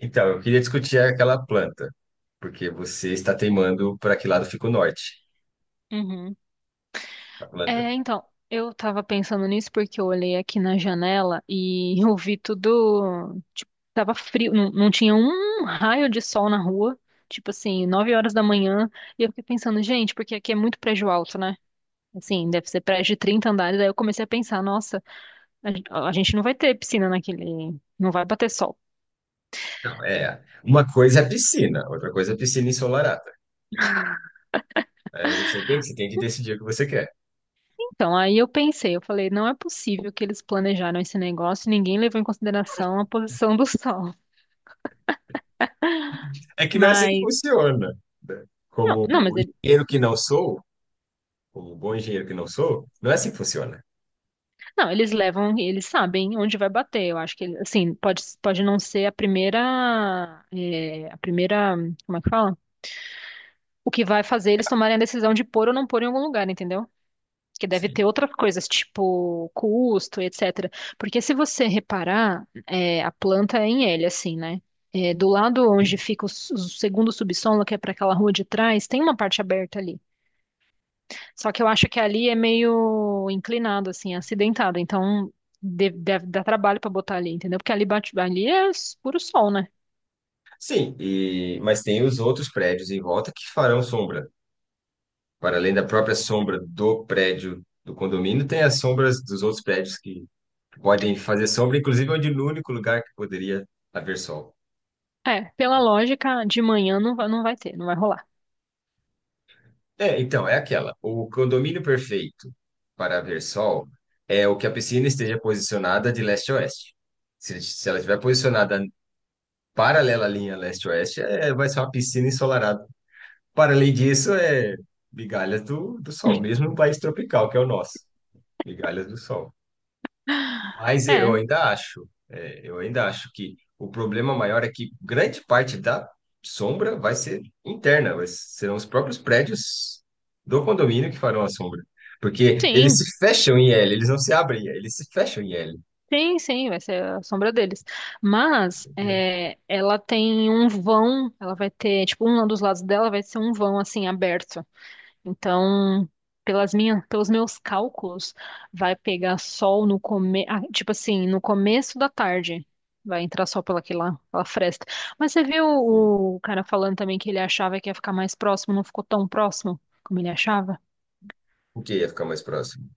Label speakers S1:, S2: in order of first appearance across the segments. S1: Então, eu queria discutir aquela planta, porque você está teimando para que lado fica o norte,
S2: Uhum.
S1: a planta.
S2: É, então, eu tava pensando nisso porque eu olhei aqui na janela e eu vi tudo, tipo, tava frio, não, não tinha um raio de sol na rua, tipo assim, 9 horas da manhã, e eu fiquei pensando, gente, porque aqui é muito prédio alto, né? Assim, deve ser prédio de 30 andares. Aí eu comecei a pensar, nossa, a gente não vai ter piscina naquele. Não vai bater sol.
S1: Não, é. Uma coisa é piscina, outra coisa é piscina ensolarada. Aí você tem que decidir o que você quer.
S2: Então, aí eu pensei, eu falei, não é possível que eles planejaram esse negócio e ninguém levou em consideração a posição do sol.
S1: É que não é assim que
S2: Mas.
S1: funciona, né?
S2: Não,
S1: Como
S2: não, mas
S1: o
S2: eles
S1: engenheiro que não sou, como um bom engenheiro que não sou, não é assim que funciona.
S2: não, eles levam, eles sabem onde vai bater. Eu acho que, assim, pode não ser a primeira. É, a primeira. Como é que fala? O que vai fazer eles tomarem a decisão de pôr ou não pôr em algum lugar, entendeu? Que deve
S1: Sim.
S2: ter outras coisas, tipo custo, etc. Porque se você reparar, é, a planta é em L, assim, né? É, do lado
S1: Sim,
S2: onde fica o segundo subsolo, que é para aquela rua de trás, tem uma parte aberta ali. Só que eu acho que ali é meio inclinado, assim, acidentado. Então deve dar trabalho para botar ali, entendeu? Porque ali bate, ali é puro sol, né?
S1: sim, e, mas tem os outros prédios em volta que farão sombra. Para além da própria sombra do prédio do condomínio, tem as sombras dos outros prédios que podem fazer sombra, inclusive, onde no único lugar que poderia haver sol.
S2: É, pela lógica, de manhã não vai ter, não vai rolar.
S1: É, então, é aquela. O condomínio perfeito para haver sol é o que a piscina esteja posicionada de leste a oeste. Se ela estiver posicionada paralela à linha leste-oeste, é, vai ser uma piscina ensolarada. Para além disso, é migalhas do sol, mesmo no país tropical, que é o nosso. Migalhas do sol. Mas eu
S2: É,
S1: ainda acho, é, eu ainda acho que o problema maior é que grande parte da sombra vai ser interna, serão os próprios prédios do condomínio que farão a sombra. Porque eles
S2: sim.
S1: se fecham em L, eles não se abrem em L, eles se fecham em L.
S2: Sim, sim, vai ser a sombra deles. Mas é, ela tem um vão, ela vai ter, tipo, um dos lados dela vai ser um vão assim aberto. Então, pelos meus cálculos, vai pegar sol no come, ah, tipo assim, no começo da tarde. Vai entrar sol pela fresta. Mas você viu
S1: Sim.
S2: o cara falando também que ele achava que ia ficar mais próximo, não ficou tão próximo como ele achava?
S1: O que ia ficar mais próximo?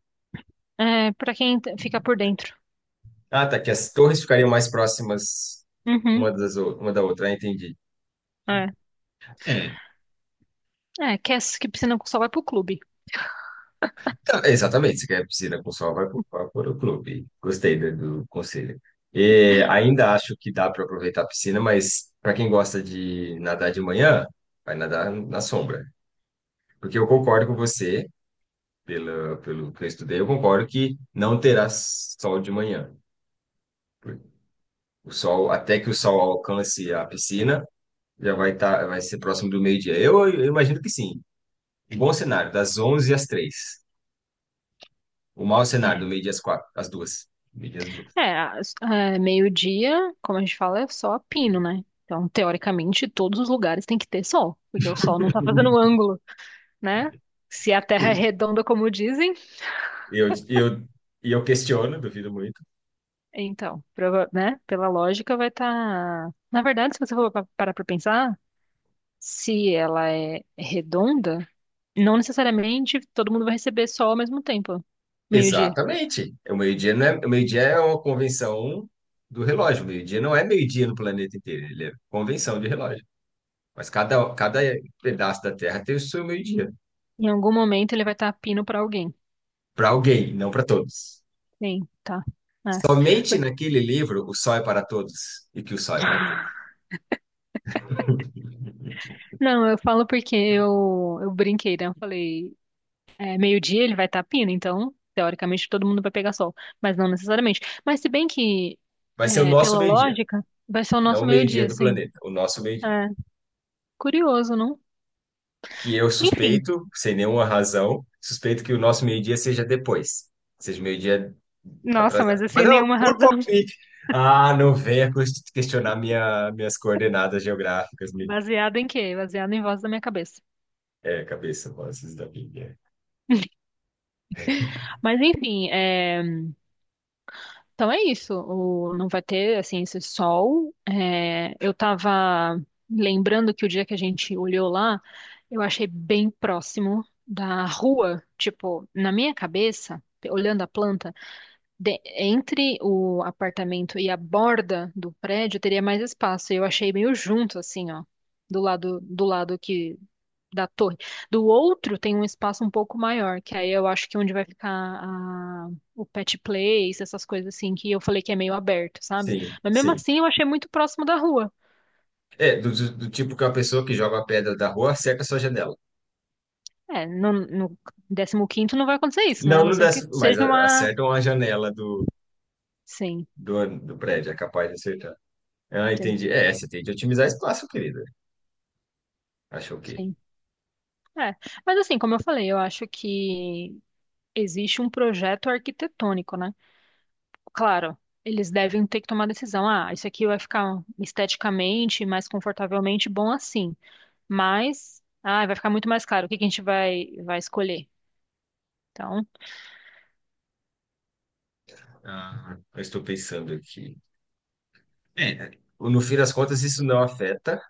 S2: É, para fica por dentro.
S1: Ah, tá, que as torres ficariam mais próximas
S2: Uhum,
S1: uma da outra, ah, entendi.
S2: é.
S1: É,
S2: É, quer que piscina com sol vai pro clube.
S1: tá, exatamente, se quer piscina com sol, vai para o clube. Gostei do conselho. E ainda acho que dá para aproveitar a piscina, mas para quem gosta de nadar de manhã, vai nadar na sombra. Porque eu concordo com você, pelo que eu estudei, eu concordo que não terá sol de manhã. O sol, até que o sol alcance a piscina, já vai estar, vai ser próximo do meio-dia. Eu imagino que sim. Um bom cenário, das 11 às 3. O mau cenário,
S2: É,
S1: do meio-dia às 4 às 2. Meio-dia às 2.
S2: É, meio-dia, como a gente fala, é só a pino, né? Então, teoricamente, todos os lugares têm que ter sol, porque o sol não tá fazendo um ângulo, né? Se a Terra é redonda, como dizem,
S1: E eu, e eu, e eu questiono, duvido muito.
S2: então, né? Pela lógica, vai estar. Na verdade, se você for parar pra pensar, se ela é redonda, não necessariamente todo mundo vai receber sol ao mesmo tempo, meio-dia.
S1: Exatamente. O meio-dia não é, o meio-dia é uma convenção do relógio. O meio-dia não é meio-dia no planeta inteiro, ele é convenção de relógio. Mas cada pedaço da Terra tem o seu meio-dia.
S2: Em algum momento, ele vai estar pino pra alguém.
S1: Para alguém, não para todos.
S2: Sim, tá. É.
S1: Somente
S2: Por-
S1: naquele livro, O Sol é para Todos e que o Sol é para Todos.
S2: Não, eu falo porque eu brinquei, né? Eu falei, é, meio-dia ele vai estar pindo, então, teoricamente, todo mundo vai pegar sol. Mas não necessariamente. Mas se bem que,
S1: Vai ser o
S2: é,
S1: nosso
S2: pela
S1: meio-dia,
S2: lógica, vai ser o
S1: não
S2: nosso
S1: o meio-dia
S2: meio-dia,
S1: do
S2: sim.
S1: planeta, o nosso meio-dia.
S2: É, curioso, não?
S1: Que eu
S2: Enfim.
S1: suspeito, sem nenhuma razão, suspeito que o nosso meio-dia seja depois, seja o meio-dia. Tá
S2: Nossa, mas
S1: atrasado.
S2: eu sem
S1: Mas é
S2: nenhuma
S1: por
S2: razão.
S1: palpite. Ah, não venha questionar minhas coordenadas geográficas, menino.
S2: Baseado em quê? Baseado em voz da minha cabeça.
S1: É, cabeça, vozes da Bíblia.
S2: Mas enfim, é. Então é isso, não vai ter assim esse sol. É, eu tava lembrando que o dia que a gente olhou lá, eu achei bem próximo da rua, tipo, na minha cabeça, olhando a planta, entre o apartamento e a borda do prédio teria mais espaço. E eu achei meio junto assim, ó, do lado que da torre. Do outro tem um espaço um pouco maior, que aí eu acho que é onde vai ficar o pet place, essas coisas assim, que eu falei que é meio aberto, sabe?
S1: Sim,
S2: Mas mesmo
S1: sim.
S2: assim eu achei muito próximo da rua.
S1: É, do tipo que uma pessoa que joga a pedra da rua acerta a sua janela.
S2: É, no 15º não vai acontecer isso, né? A
S1: Não,
S2: não
S1: não
S2: ser
S1: dá,
S2: que
S1: mas
S2: seja uma...
S1: acertam a janela do,
S2: Sim,
S1: do, do prédio, é capaz de acertar. Ah,
S2: sim,
S1: entendi. É, você tem de otimizar espaço, querida. Achou o quê?
S2: sim. É, mas assim, como eu falei, eu acho que existe um projeto arquitetônico, né? Claro, eles devem ter que tomar decisão. Ah, isso aqui vai ficar esteticamente mais confortavelmente bom assim. Mas, ah, vai ficar muito mais caro. O que que a gente vai escolher? Então,
S1: Ah, eu estou pensando aqui. É, no fim das contas, isso não afeta.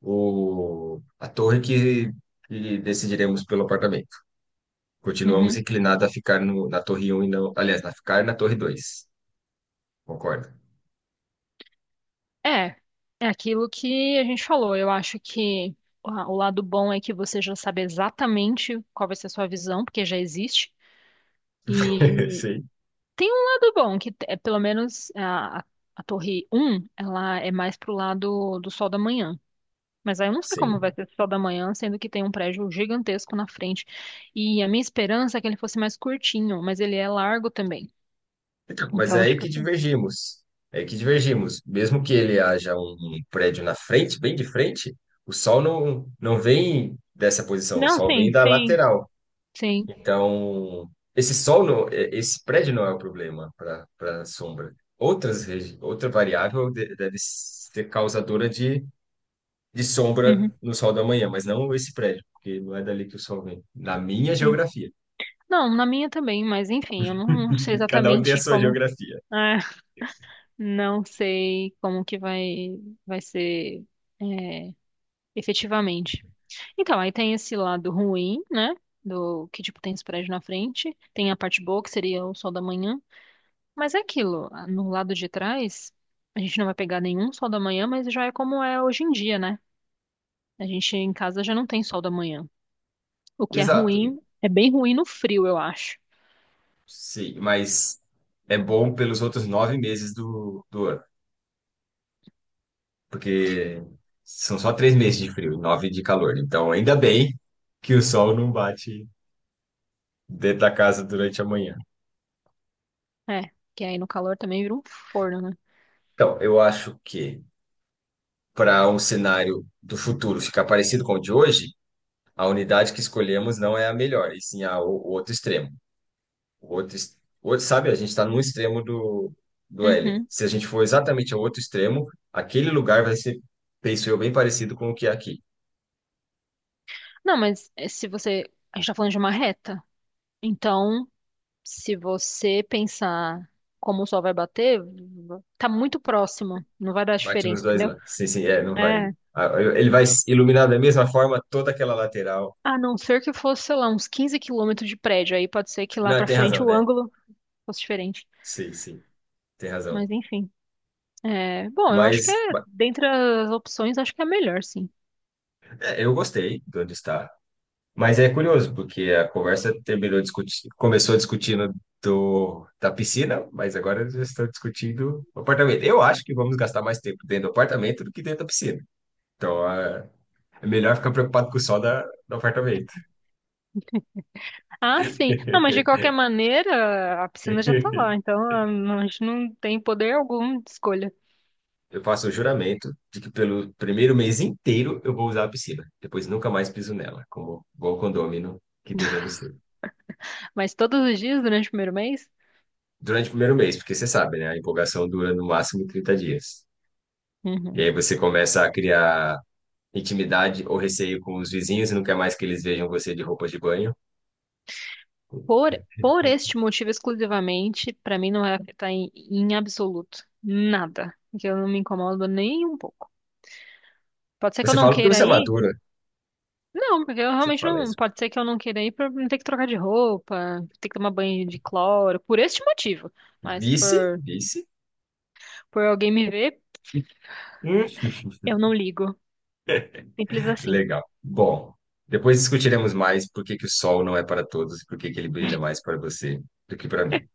S1: A torre que decidiremos pelo apartamento. Continuamos
S2: uhum.
S1: inclinados a ficar no, na torre um e não. Aliás, a ficar na torre dois. Concorda?
S2: É, é aquilo que a gente falou. Eu acho que o lado bom é que você já sabe exatamente qual vai ser a sua visão, porque já existe. E
S1: Sim.
S2: tem um lado bom, que é pelo menos a Torre um, ela é mais pro lado do sol da manhã. Mas aí eu não sei como
S1: Sim.
S2: vai ser o sol da manhã, sendo que tem um prédio gigantesco na frente. E a minha esperança é que ele fosse mais curtinho, mas ele é largo também.
S1: Então, mas é
S2: Então,
S1: aí
S2: tipo,
S1: que
S2: assim,
S1: divergimos. É aí que divergimos. Mesmo que ele haja um prédio na frente, bem de frente, o sol não, não vem dessa posição, o
S2: não,
S1: sol vem
S2: sim,
S1: da
S2: sim,
S1: lateral.
S2: sim.
S1: Então, esse sol não, esse prédio não é o problema para sombra. Outra variável deve ser causadora de
S2: Uhum,
S1: sombra no sol da manhã, mas não esse prédio, porque não é dali que o sol vem. Na minha
S2: sim.
S1: geografia.
S2: Não, na minha também, mas enfim, eu não sei
S1: Cada um tem a
S2: exatamente
S1: sua
S2: como.
S1: geografia.
S2: Ah, não sei como que vai ser, é, efetivamente. Então, aí tem esse lado ruim, né? Do que, tipo, tem esse prédio na frente. Tem a parte boa, que seria o sol da manhã. Mas é aquilo, ah, no lado de trás, a gente não vai pegar nenhum sol da manhã, mas já é como é hoje em dia, né? A gente em casa já não tem sol da manhã. O que é
S1: Exato.
S2: ruim, é bem ruim no frio, eu acho.
S1: Sim, mas é bom pelos outros 9 meses do ano, porque são só 3 meses de frio e 9 de calor. Então, ainda bem que o sol não bate dentro da casa durante a manhã.
S2: É, que aí no calor também vira um forno, né?
S1: Então, eu acho que para um cenário do futuro ficar parecido com o de hoje, a unidade que escolhemos não é a melhor, e sim o outro extremo. O outro, sabe, a gente está no extremo do L.
S2: Uhum.
S1: Se a gente for exatamente ao outro extremo, aquele lugar vai ser, penso eu, bem parecido com o que é aqui.
S2: Não, mas eh, se você. A gente tá falando de uma reta. Então, se você pensar como o sol vai bater, tá muito próximo. Não vai dar
S1: Bate
S2: diferença,
S1: nos dois
S2: entendeu?
S1: lados. Sim, sim, é, não vai.
S2: É.
S1: Ele vai iluminar da mesma forma toda aquela lateral.
S2: A não ser que fosse, sei lá, uns 15 quilômetros de prédio. Aí pode ser que lá
S1: Não,
S2: pra
S1: tem
S2: frente
S1: razão,
S2: o
S1: né?
S2: ângulo fosse diferente.
S1: Sim, sim, tem
S2: Mas
S1: razão.
S2: enfim. É, bom, eu acho que
S1: Mas
S2: é,
S1: ba-
S2: dentre as opções, acho que é a melhor, sim.
S1: é, eu gostei de onde está. Mas é curioso, porque a conversa começou discutindo da piscina, mas agora já estão discutindo o apartamento. Eu acho que vamos gastar mais tempo dentro do apartamento do que dentro da piscina. Então, ah, é melhor ficar preocupado com o sol do apartamento.
S2: Ah, sim. Não, mas de qualquer maneira, a piscina já tá lá, então a gente não tem poder algum de escolha.
S1: Eu faço o juramento de que pelo primeiro mês inteiro eu vou usar a piscina. Depois nunca mais piso nela, como bom condômino que devemos ser.
S2: Mas todos os dias durante o primeiro mês?
S1: Durante o primeiro mês, porque você sabe, né? A empolgação dura no máximo 30 dias. E
S2: Uhum.
S1: aí você começa a criar intimidade ou receio com os vizinhos e não quer mais que eles vejam você de roupa de banho.
S2: Por, por este motivo exclusivamente, pra mim não vai afetar em absoluto nada. Porque eu não me incomodo nem um pouco. Pode ser que eu
S1: Você
S2: não
S1: fala porque
S2: queira
S1: você é
S2: ir?
S1: madura,
S2: Não, porque eu
S1: você
S2: realmente
S1: fala
S2: não.
S1: isso.
S2: Pode ser que eu não queira ir pra não ter que trocar de roupa, ter que tomar banho de cloro, por este motivo. Mas
S1: Vice,
S2: por,
S1: vice.
S2: por alguém me ver,
S1: Hum,
S2: eu não ligo. Simples assim.
S1: Legal. Bom, depois discutiremos mais por que que o sol não é para todos e por que que ele brilha mais para você do que para mim.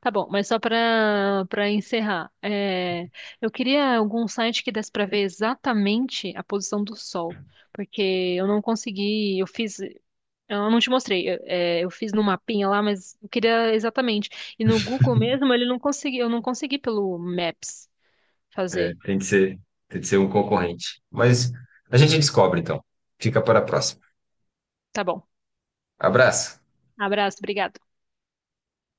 S2: Tá bom, mas só para encerrar, é, eu queria algum site que desse para ver exatamente a posição do Sol, porque eu fiz, eu não te mostrei, é, eu fiz no mapinha lá, mas eu queria exatamente. E no Google mesmo, ele não consegui, eu não consegui pelo Maps
S1: É,
S2: fazer.
S1: tem que ser um concorrente. Mas a gente descobre então. Fica para a próxima.
S2: Tá bom.
S1: Abraço.
S2: Abraço, obrigada.